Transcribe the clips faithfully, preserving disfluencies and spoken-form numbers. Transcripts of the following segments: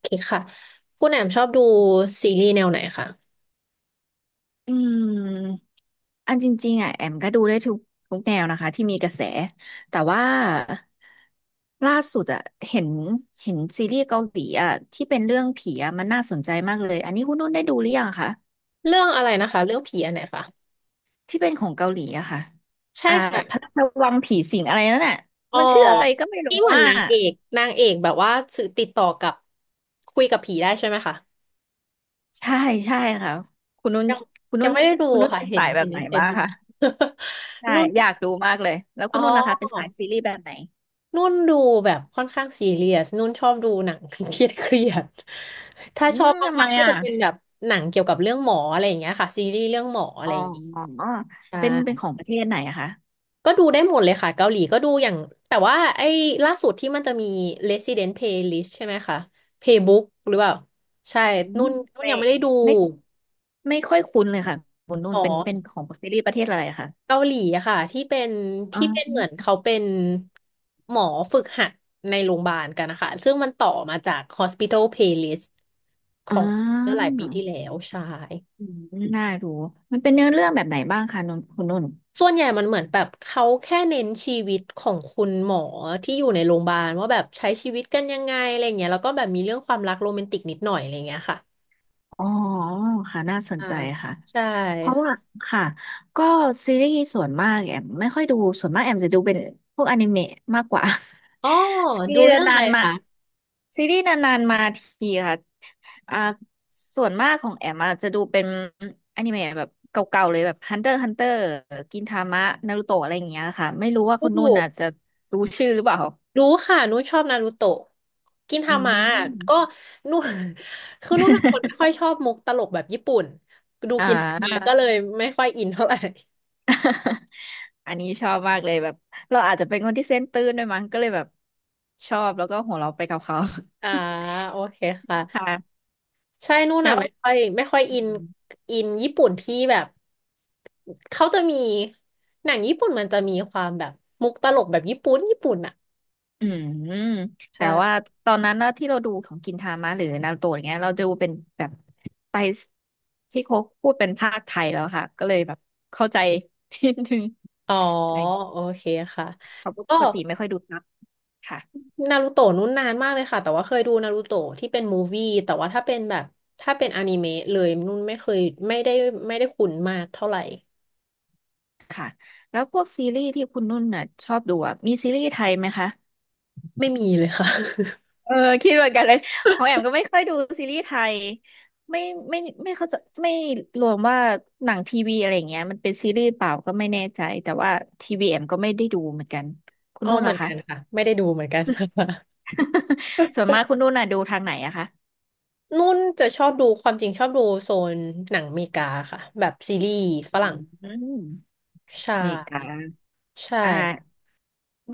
เคค่ะคุณแอมชอบดูซีรีส์แนวไหนคะอืมอันจริงๆอ่ะแอมก็ดูได้ทุกทุกแนวนะคะที่มีกระแสแต่ว่าล่าสุดอ่ะเห็นเห็นซีรีส์เกาหลีอ่ะที่เป็นเรื่องผีอ่ะมันน่าสนใจมากเลยอันนี้คุณนุ่นได้ดูหรือยังคะเรื่องอะไรนะคะเรื่องผีอันไหนคะที่เป็นของเกาหลีอะค่ะใช่อ่าค่ะพระราชวังผีสิงอะไรนั่นน่ะอ๋อมันชื่ออะไรก็ไม่รู้ที่เหมือนอ่ะนางเอกนางเอกแบบว่าสื่อติดต่อกับคุยกับผีได้ใช่ไหมคะใช่ใช่ค่ะคุณนุ่นยังคุณยันุ่งนไม่ได้ดูคุณนุ่นค่ะเป็นเห็นสายแบเห็บนไหนเห็บ้าน งคะใช่ นุ่นอยากดูมากเลยแล้วอ๋คุณนุ่นล่ะคะเป็อนสายซีรีส์แบบไหนนุ่นดูแบบค่อนข้างซีเรียสนุ่นชอบดูหนัง เครียดเครียดถ้าอืชอบมทำไมมากๆก็อ่ะ จะเป็นแบบหนังเกี่ยวกับเรื่องหมออะไรอย่างเงี้ยค่ะซีรีส์เรื่องหมออะไรอ๋อย่างงี้อใช่ เป็นเป็นของประเทศไหนอะคะก็ดูได้หมดเลยค่ะเกาหลีก็ดูอย่างแต่ว่าไอ้ล่าสุดที่มันจะมี Resident Playlist ใช่ไหมคะ Playbook หรือเปล่าใช่อืนุ่มนนุ่นไม่ยังไม่ได้ดูไม่ไม่ค่อยคุ้นเลยค่ะคุณนุ่หมนอเป็นเป็นของซีรีส์ประเทศอะไรอะคะเกาหลีอะค่ะที่เป็นอ๋ที่เป็นเหมือนอเขาเป็นหมอฝึกหัดในโรงพยาบาลกันนะคะซึ่งมันต่อมาจาก Hospital Playlist ขอ๋องเมื่อหลาอยปีที่แล้วใช่ อืมน่าดูมันเป็นเนื้อเรื่องแบบไหนบ้างคะนุ่นคุณนุ่นส่วนใหญ่มันเหมือนแบบเขาแค่เน้นชีวิตของคุณหมอที่อยู่ในโรงพยาบาลว่าแบบใช้ชีวิตกันยังไงอะไรเงี้ยแล้วก็แบบมีเรื่องความรักโรแมนติกนิดหน่อยอะไรเงี้ยค่ะอ๋อค่ะน่าสนอ่าใจค่ะ ใช่เพราะว่าค่ะก็ซีรีส์ส่วนมากแอมไม่ค่อยดูส่วนมากแอมจะดูเป็นพวกอนิเมะมากกว่า อ๋อ ซีดูรีส์เรื่องอะนาไรนๆมาคะซีรีส์นานๆมาทีค่ะอ่าส่วนมากของแอมอะจะดูเป็นอนิเมะแบบเก่าๆเลยแบบ Hunter x Hunter กินทามะนารูโตะอะไรอย่างเงี้ยค่ะไม่รู้ว่าดคุณนุู่นอ่ะจะรู้ชื่อหรือเปล่ารู้ค่ะนุ้ชอบนารูโตะกินอืทามะก็ม นุ้ คือนุ้ยเป็นคนไม่ค่ อยชอบมุกตลกแบบญี่ปุ่นดูอ่กินทามะก็เลา ยไม่ค่อยอินเท่าไหร่ อันนี้ชอบมากเลยแบบเราอาจจะเป็นคนที่เซนส์ตื้นด้วยมั้งก็เลยแบบชอบแล้วก็หัวเราะไปกับเขา อ่าโอเคค่ะ ค่ะใช่นู่นแล้อ่ะวไม่ค่อยไม่ค่อยอือินมอินญี่ปุ่นที่แบบเขาจะมีหนังญี่ปุ่นมันจะมีความแบบมุกตลกแบบญี่ปุ่นญี่ปุ่นอ่ะอืมแต่ว่าใช่ตอนนั้นนะที่เราดูของกินทามะหรือนารูโตะอย่างเงี้ยเราดูเป็นแบบไปที่เขาพูดเป็นภาคไทยแล้วค่ะก็เลยแบบเข้าใจ นิดนึงอ๋ออะไรโอเคค่ะเขาะก็ปกติไม่ค่อยดูซับค่ะนารูโตะนู้นนานมากเลยค่ะแต่ว่าเคยดูนารูโตะที่เป็นมูฟวี่แต่ว่าถ้าเป็นแบบถ้าเป็นอนิเมะเลยนุ่นไม่เคยไม่ได้ไม่ได้คุ้นมากเท่าไหร่ค่ะแล้วพวกซีรีส์ที่คุณนุ่นน่ะชอบดูอ่ะมีซีรีส์ไทยไหมคะ ไม่มีเลยค่ะ เออคิดเหมือนกันเลยของแอมก็ไม่ค่อยดูซีรีส์ไทยไม่ไม่ไม่เข้าใจไม่รวมว่าหนังทีวีอะไรอย่างเงี้ยมันเป็นซีรีส์เปล่าก็ไม่แน่ใจแต่ว่าทีวีแอมก็ไม่ได้ดูเหมือนกันคุ ณอ๋อนุ่นเหมืล่ะอนคะ กันค่ะไม่ได้ดูเหมือนกันค่ะ ส่วนมากคุณนุ่นน่ะดูทางไหนอะคะนุ่นจะชอบดูความจริงชอบดูโซนหนังอเมริกาค่ะแบบซีรีส์ฝอรั่งืมใช่อเมริกาใช่อ่า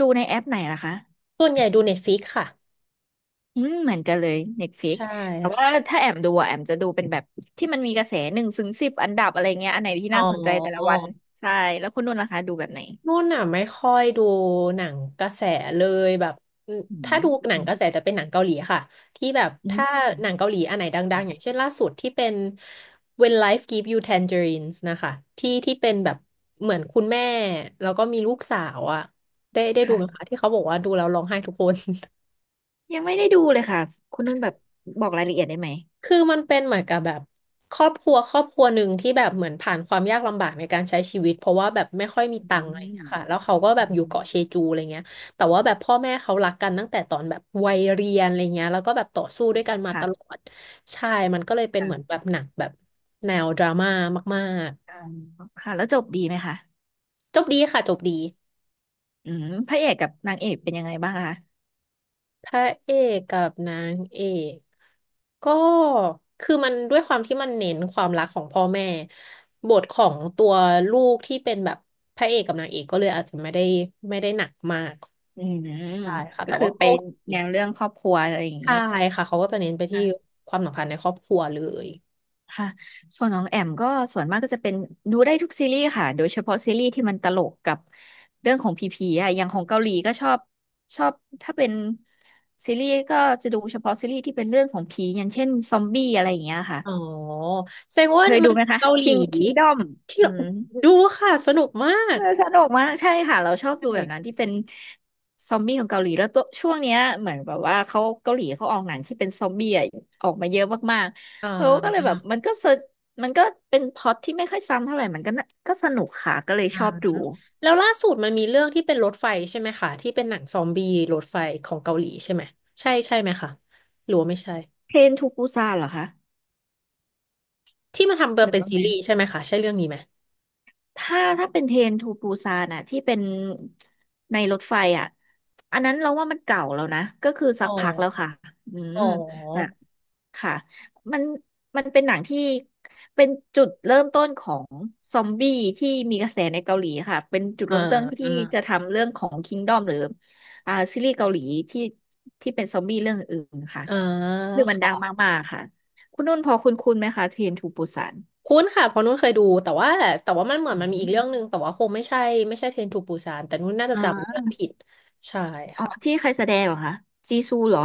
ดูในแอปไหนล่ะคะส่วนใหญ่ดูเน็ตฟ i ิกค่ะอืมเหมือนกันเลย Netflix ใช่แต่ว่าค่ะถ้าแอมดูอะแอมจะดูเป็นแบบที่มันมีกระแสหนึ่งถึงสิบอันดับอะไรเงี้ยอันไหนที่อ๋น่าสนใจแต่ละอวันใช่แล้วคุณนุ่นล่ะคะดูแบบไหน นุ่นอ่ะไม่ค่อยดูหนังกระแสเลยแบบอืมอืถ้ามดูหนังอืมกระแสจะเป็นหนังเกาหลีค่ะที่แบบอืมถ้าหนังเกาหลีอันไหนดังๆอย่างค่ะเช่นล่าสุดที่เป็น When Life Gives You Tangerines นะคะที่ที่เป็นแบบเหมือนคุณแม่แล้วก็มีลูกสาวอ่ะได้ได้ดูไหมคะค่ะที่เขาบอกว่าดูแล้วร้องไห้ทุกคน ยังไม่ได้ดูเลยค่ะคุณนุ่นแบบบอกรายละเอียดได้ไหมคือมันเป็นเหมือนกับแบบครอบครัวครอบครัวหนึ่งที่แบบเหมือนผ่านความยากลำบากในการใช้ชีวิตเพราะว่าแบบไม่ค่อยมีอืตังค์อะไรอย่างเงี้มยค่ะแล้วเขาก็แบอืบอยู่มเกาะเชจูอะไรเงี้ยแต่ว่าแบบพ่อแม่เขารักกันตั้งแต่ตอนแบบวัยเรียนอะไรเงี้ยแล้วก็แบบต่อสู้ด้วยกันมาตค่ะลอดใช่มันก็เลยเป็นเหมือนแบค่ะบหนักแบบแนวดราม่ามากอ่าค่ะแล้วจบดีไหมคะๆจบดีค่ะจบดี อืมพระเอกกับนางเอกเป็นยังไงบ้างคะพระเอกกับนางเอกก็คือมันด้วยความที่มันเน้นความรักของพ่อแม่บทของตัวลูกที่เป็นแบบพระเอกกับนางเอกก็เลยอาจจะไม่ได้ไม่ได้หนักมากอืมใช่ค่ะก็แต่คือว่าไปก็โอเคแนวเรื่องครอบครัวอะไรอย่างใช่นี้ ค่ะเขาก็จะเน้นไปที่ความสัมพันธ์ในครอบครัวเลยค่ะส่วนของแอมก็ส่วนมากก็จะเป็นดูได้ทุกซีรีส์ค่ะโดยเฉพาะซีรีส์ที่มันตลกกับเรื่องของผีๆอ่ะอย่างของเกาหลีก็ชอบชอบถ้าเป็นซีรีส์ก็จะดูเฉพาะซีรีส์ที่เป็นเรื่องของผีอย่างเช่นซอมบี้อะไรอย่างเงี้ยค่ะอ๋อแสดงว่าเคยดูมันไหมคะ เกาหลี King Kingdom ที่อืม ดูค่ะสนุกมากเออสนุกมากใช่ค่ะเราชอบดูแบบนั้ใช่นที่เป็นซอมบี้ของเกาหลีแล้วตัวช่วงเนี้ยเหมือนแบบว่าเขาเกาหลีเขาออกหนังที่เป็นซอมบี้อะออกมาเยอะมากอ่ๆเราก็เลยแบา บมันก็สนมันก็เป็นพล็อตที่ไม่ค่อยซ้ำเท่าไหร่มันก็น่าก็สนุกค่ะก็เลยอ่าชอบดูแล้วล่าสุดมันมีเรื่องที่เป็นรถไฟใช่ไหมคะที่เป็นหนังซอมบี้รถไฟของเกาหลีใช่ไหมใช่ใช่ไหมคะหรือว่าไม่ใช่เทรนทูปูซานเหรอคะที่มันทำหรือเป็นว่าซีไงรีส์ใช่ไหมคะใช่เรื่องนี้ไหมถ้าถ้าเป็นเทรนทูปูซานอะที่เป็นในรถไฟอะอันนั้นเราว่ามันเก่าแล้วนะก็คืออ๋สัอกพักแล้วค่ะอืม อ๋อค่ะมันมันเป็นหนังที่เป็นจุดเริ่มต้นของซอมบี้ที่มีกระแสในเกาหลีค่ะเป็นจุดอ่าเริ่มต้นอ่าที่จะทำเรื่องของ Kingdom หรืออ่าซีรีส์เกาหลีที่ที่เป็นซอมบี้เรื่องอื่นค่ะอ่าคือมันดังค่ะมากๆค่ะคุณนุ่นพอคุณคุณไหมคะเทรนทูปูซานคุ้นค่ะเพราะนุ่นเคยดูแต่ว่าแต่ว่ามันเหมือนอืมันมีอีกมเรื่องหนึ่งแต่ว่าคงไม่ใช่ไม่ใช่เทรนทูปูซานแต่นุ่นน่าจะอ่าจำเรื่องผิดใช่อ๋อค่ะที่ใครแสดงเหรอคะจีซูเหรอ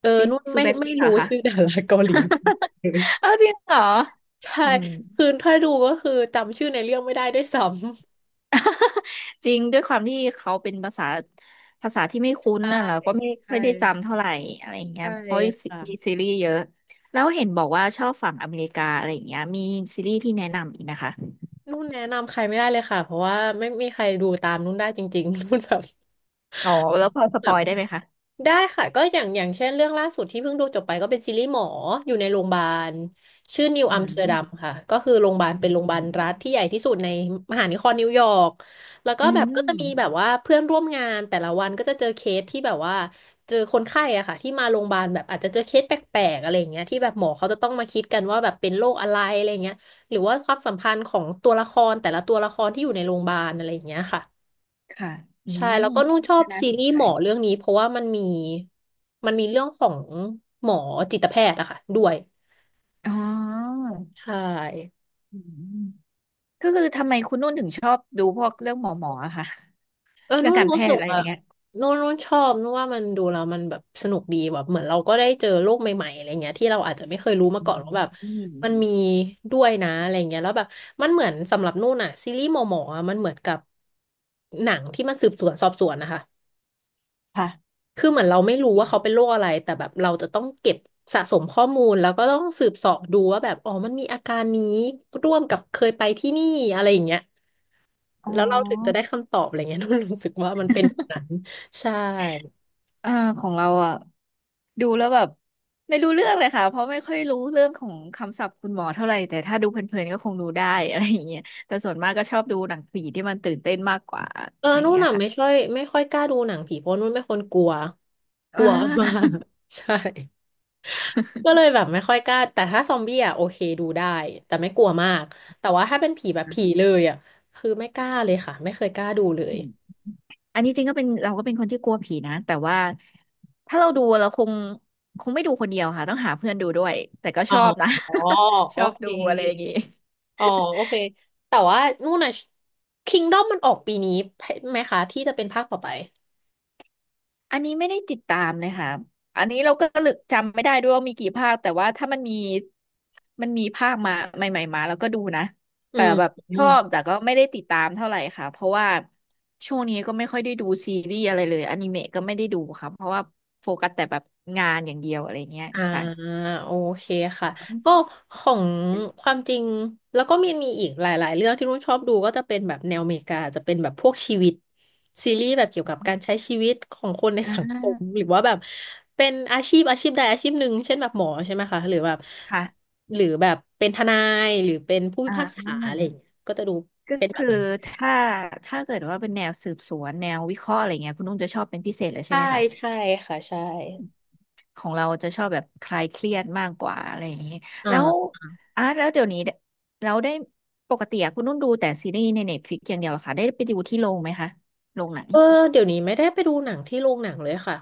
เออจีนุ่นซูไม่แบ็คไม่พิงค์เหรรู้อคะ ชื่อดาราเกาหลี เลยเอาจริงเหรอใช่อืม คือถ้าดูก็คือจำชื่อในเรื่องไม่ได้ด้วยซ้ำ จริงด้วยความที่เขาเป็นภาษาภาษาที่ไม่คุ้นใช่น่ะเราก็ไม่ค่อใช่ยได้จำเท่าไหร่อะไรอย่างเงี้ยใช่เพราะมีซีรค่ะีส์เยอะแล้วเห็นบอกว่าชอบฝั่งอเมริกาอะไรอย่างเงี้ยมีซีรีส์ที่แนะนำอีกนะคะนุ่นแนะนำใครไม่ได้เลยค่ะเพราะว่าไม่มีใครดูตามนุ่นได้จริงๆ นุ่นแบบ อ๋อแล้วพอสปอยได้ไหมคะได้ค่ะก็อย่างอย่างเช่นเรื่องล่าสุดที่เพิ่งดูจบไปก็เป็นซีรีส์หมออยู่ในโรงพยาบาลชื่อนิวอือัมสเตอร์ดัมมค่ะก็คือโรงพยาบาลอืเป็นโรงมพยาบาลรัฐที่ใหญ่ที่สุดในมหานครนิวยอร์กแล้วก็อืแบบก็จะมีแบบมว่าเพื่อนร่วมงานแต่ละวันก็จะเจอเคสที่แบบว่าเจอคนไข้อะค่ะที่มาโรงพยาบาลแบบอาจจะเจอเคสแปลกๆอะไรอย่างเงี้ยที่แบบหมอเขาจะต้องมาคิดกันว่าแบบเป็นโรคอะไรอะไรอย่างเงี้ยหรือว่าความสัมพันธ์ของตัวละครแต่ละตัวละครที่อยู่ในโรงพยาบาลอะไรอย่างเงี้ยค่ะ ค่ะอืใช่มแล้วก็นุ่นชอก็บน่าซีสนรีส์ใจหมอเรื่องนี้เพราะว่ามันมีมันมีเรื่องของหมอจิตแพทย์อะค่ะด้วยอ๋อใช่อืมก็คือทำไมคุณนุ่นถึงชอบดูพวกเรื่องหมอหมออะคะเออเรื่องนุ่นการแพรู้ทสึย์กอะไรออะย่างเงี้ยนุ่นนุ่นชอบนุ่นว่ามันดูแล้วมันแบบสนุกดีแบบเหมือนเราก็ได้เจอโลกใหม่ๆอะไรเงี้ยที่เราอาจจะไม่เคยรู้มาอืก่อนมว่าแบบอืมมันมีด้วยนะอะไรเงี้ยแล้วแบบมันเหมือนสำหรับนุ่นอะซีรีส์หมอหมออะมันเหมือนกับหนังที่มันสืบสวนสอบสวนนะคะ ค่ะคือเหมือนเราไม่รู้ว่าเขาเป็นโรคอะไรแต่แบบเราจะต้องเก็บสะสมข้อมูลแล้วก็ต้องสืบเสาะดูว่าแบบอ๋อมันมีอาการนี้ร่วมกับเคยไปที่นี่อะไรอย่างเงี้ยอ๋อ แล้วเราถึงจะได้คำตอบอะไรเงี้ย นุ่นรู้สึกว่ามันเป็นแบบนั้นใช่อ่าของเราอ่ะดูแล้วแบบไม่รู้เรื่องเลยค่ะเพราะไม่ค่อยรู้เรื่องของคำศัพท์คุณหมอเท่าไหร่แต่ถ้าดูเพลินๆก็คงดูได้ อะไรอย่างเงี้ยแต่ส่วนมากก็ชอบดูหนังผีที่มันตื่นเต้นมากกว่าเออะอไรอย่างนุ่นเงี้ยน่ะค่ะไม่ช่อยไม่ค่อยกล้าดูหนังผีเพราะนุ่นเป็นคนกลัวกลัอ่าวมาก ใช่ก็เลยแบบไม่ค่อยกล้าแต่ถ้าซอมบี้อ่ะโอเคดูได้แต่ไม่กลัวมากแต่ว่าถ้าเป็นผีแบบผีเลยอ่ะคือไม่กล้าเลยค่ะไม่เคยกล้าดูเลอืย มอันนี้จริงก็เป็นเราก็เป็นคนที่กลัวผีนะแต่ว่าถ้าเราดูเราคงคงไม่ดูคนเดียวค่ะต้องหาเพื่อนดูด้วยแต่ก็ชอ๋อบนะ อ โอ ชอบเดูอะไรอย่างค งี้ อ๋อ โอเค แต่ว่านู่นน่ะ คิงดอม มันออกปีนี้ไหมคะที่จะเป็นภาคต่อไปอันนี้ไม่ได้ติดตามเลยค่ะ อันนี้เราก็ลึกจำไม่ได้ด้วยว่ามีกี่ภาค แต่ว่าถ้ามันมีมันมีภาคมาใหม่ๆมาแล้วก็ดูนะอืแต่มแบบอืชอม บแต่ก็ไม่ได้ติดตามเท่าไหร่ค่ะเพราะว่าช่วงนี้ก็ไม่ค่อยได้ดูซีรีส์อะไรเลยอนิเมะก็ไม่ได้ดูค่ะเพราะว่าโฟกัสแต่แบบงานอย่างเดียวอะไรเงี้ยอ่าค่ะโอเคค่ะก็ของความจริงแล้วก็มีมีอีกหลายๆเรื่องที่นุ่นชอบดูก็จะเป็นแบบแนวอเมริกาจะเป็นแบบพวกชีวิตซีรีส์แบบเกี่ยวกับการใช้ชีวิตของคนในอ่สังคมาหรือว่าแบบเป็นอาชีพอาชีพใดอาชีพหนึ่งเช่นแบบหมอใช่ไหมคะหรือแบบค่ะหรือแบบเป็นทนายหรือเป็นผู้พิอ่าพากษานั่นมัอะนไรอย่างเงี้ยก็จะดูก็คือถ้าถ้าเกิดว่าเป็นแนวสืบสวนแนววิเคราะห์อะไรเงี้ยคุณนุ่งจะชอบเป็นพิเศษเลยใช่ใช่ไหมคะ ใช่ค่ะใช่ของเราจะชอบแบบคลายเครียดมากกว่าอะไรอย่างนี้อ่แล้วาอาร์ตแล้วเดี๋ยวนี้เราได้ปกติอะคุณนุ่นดูแต่ซีรีส์ในเน็ตฟลิกอย่างเดียวเหรอคะได้ไปดูที่โรงไหมคะโรงหนังเออเดี๋ยวนี้ไม่ได้ไปดูหนังที่โรงหนังเลยค่ะ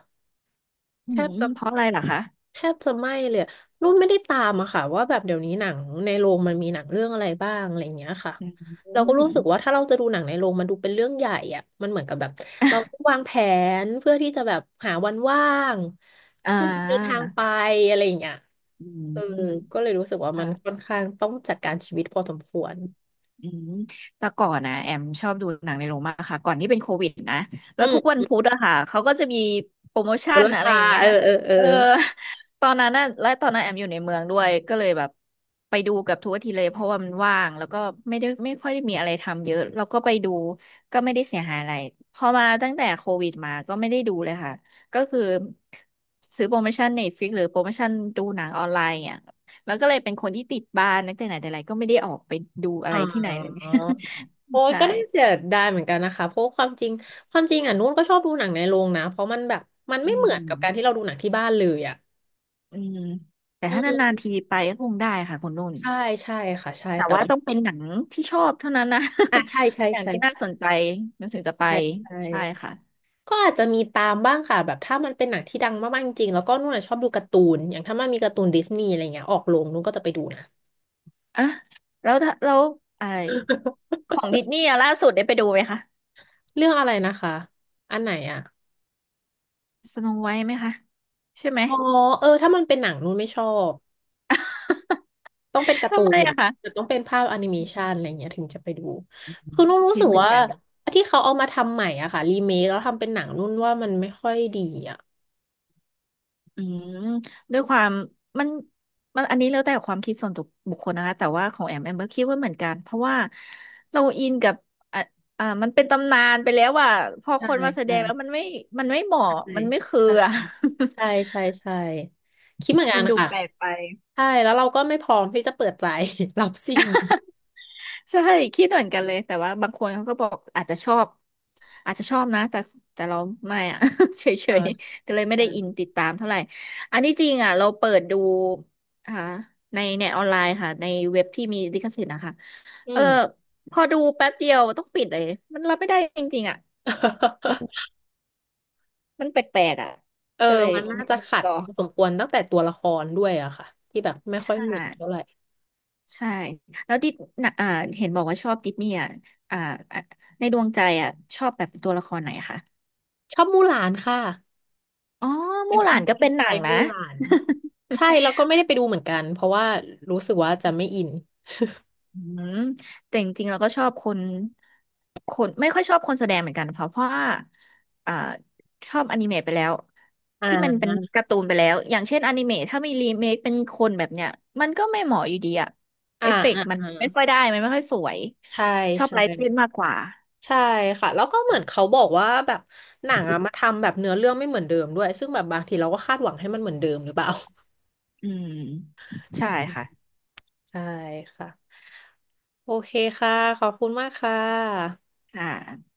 อืแทบมจะ เพราะอะไรเหรอคะแทบจะไม่เลยอะนุ่นไม่ได้ตามอะค่ะว่าแบบเดี๋ยวนี้หนังในโรงมันมีหนังเรื่องอะไรบ้างอะไรอย่างเงี้ยค่ะอืเราก็รู้สึกว่ามถ้าเราจะดูหนังในโรงมันดูเป็นเรื่องใหญ่อะมันเหมือนกับแบบเราต้องวางแผนเพื่อที่จะแบบหาวันว่างอ่เพื่อที่จะเดินทาางไปอะไรอย่างเงี้ยอืเออมก็เลยรู้สึกว่ามัค่ะ นค่อนข้างต้องจัดการชีวิตพอสมควรอืมแต่ก่อนนะแอมชอบดูหนังในโรงมากค่ะก่อนที่เป็นโควิดนะแล้อืวทุกวันมพุธอะค่ะเขาก็จะมีโปรโมมูชั่นลอะไรค่าอย่างเงี้เอยอเออเออเออตอนนั้นน่ะและตอนนั้นแอมอยู่ในเมืองด้วยก็เลยแบบไปดูกับทุกอาทิตย์เลยเพราะว่ามันว่างแล้วก็ไม่ได้ไม่ค่อยได้มีอะไรทำเยอะแล้วก็ไปดูก็ไม่ได้เสียหายอะไรพอมาตั้งแต่โควิดมาก็ไม่ได้ดูเลยค่ะก็คือซื้อโปรโมชั่น Netflix หรือโปรโมชั่นดูหนังออนไลน์อ่ะ แล้วก็เลยเป็นคนที่ติดบ้านตั้งแต่ไหนแต่ไรก็ไม่ได้ออกไปดูอะอ๋ไรอ ที่ไหนเลย โอ้ ยใช่ก็น่าเสียดายเหมือนกันนะคะเพราะความจริงความจริงอ่ะนุ่นก็ชอบดูหนังในโรงนะเพราะมันแบบมันอืไม่เหมือนกับการที่มเราดูหนังที่บ้านเลยอ่ะอืมแต่อืถ้านานๆทีมไปก็คงได้ค่ะคุณนุ่นใช่ใช่ค่ะใช่แต่แต่ว่าว่าต้องเป็นหนังที่ชอบเท่านั้นนะ อ่ะใช่ใช่ หนังใช่ที่น่าใช่สนใจนึกถึงจะไปใช่ใช่ใช่ค่ะก็อาจจะมีตามบ้างค่ะแบบถ้ามันเป็นหนังที่ดังมากๆจริงๆแล้วก็นุ่นอะชอบดูการ์ตูนอย่างถ้ามันมีการ์ตูนดิสนีย์อะไรเงี้ยออกโรงนุ่นก็จะไปดูนะอ่ะแล้วถ้าแล้วไอของดิสนีย์อะล่าสุดได้ไปดูไหมคะเรื่องอะไรนะคะอันไหนอ่ะสโนไวท์ไหมคะใช่ไหม อ๋อเออถ้ามันเป็นหนังนุ่นไม่ชอบ ต้องเป็นกา ร์ตูทำไมนอะหรือคะต้องเป็นภาพแอนิเมชันอะไรเงี้ยถึงจะไปดูคือนุ่นรู้คิสึดกเหมือนว่ากัน ที่เขาเอามาทำใหม่อ่ะค่ะรีเมคแล้วทำเป็นหนังนุ่นว่ามันไม่ค่อยดีอ่ะอืมด้วยความมันมันอันนี้แล้วแต่ความคิดส่วนตัวบุคคลนะคะแต่ว่าของแอมแอมก็คิดว่าเหมือนกันเพราะว่าเราอินกับอ่ะอ่ามันเป็นตำนานไปแล้วว่าพอคใช่นมาแสดงแล้วใช่มันไม่มันไม่เหมาะมันไม่คืออ่ะ ใช่ใช่ ใช่ใช่ใช่คิดเหมือนกัมันนดูค่ะแปลกไป ใช่แล้วเราก็ไม่พร้อมที่จะเปิดใจ รับสิ่งใช่คิดเหมือนกันเลยแต่ว่าบางคนเขาก็บอกอาจจะชอบอาจจะชอบนะแต่แต่เราไม่อะ เฉเออยๆก็เลยไม่ได้อินใช่ติดตามเท่าไหร่อันที่จริงอ่ะเราเปิดดูอ่าในเน็ตออนไลน์ค่ะในเว็บที่มีลิขสิทธิ์นะคะอืเออม พอดูแป๊บเดียวต้องปิดเลยมันรับไม่ได้จริงๆอ่ะ มันแปลกๆอ่ะเออก็เลยมันน่าไม่จะได้ขัดต่อสมควรตั้งแต่ตัวละครด้วยอะค่ะที่แบบไม่ค่อยใช่เหมือนเท่าไหร่ใช่แล้วดิสน่ะอ่าเห็นบอกว่าชอบดิสนีย์อ่ะอ่าอ่ะในดวงใจอ่ะชอบแบบตัวละครไหนคะ ชอบมู่หลานค่ะอ๋อเป็มู่นหคลานนก็ที่เป็นหใจนังนะมู่หลาน ใช่แล้วก็ไม่ได้ไปดูเหมือนกันเพราะว่ารู้สึกว่าจะไม่อินอืมแต่จริงๆเราก็ชอบคนคนไม่ค่อยชอบคนแสดงเหมือนกันเพราะเพราะว่าอ่าชอบอนิเมะไปแล้วอที่มันเป็น่าการ์ตูนไปแล้วอย่างเช่นอนิเมะถ้ามีรีเมคเป็นคนแบบเนี้ยมันก็ไม่เหมาะอยู่ดีอะอ่าเอฟเฟกอ่าต์มันอ่าไม่ค่อยได้มันไม่ค่อยสวยใช่ชอบใช่ไลท์เส้นมากกว่าใช่ค่ะแล้วก็เหมือนเขาบอกว่าแบบหนังอะมาทำแบบเนื้อเรื่องไม่เหมือนเดิมด้วยซึ่งแบบบางทีเราก็คาดหวังให้มันเหมือนเดิมหรือเปล่า อืมใช่ค่ะ ใช่ค่ะโอเคค่ะขอบคุณมากค่ะค่ะ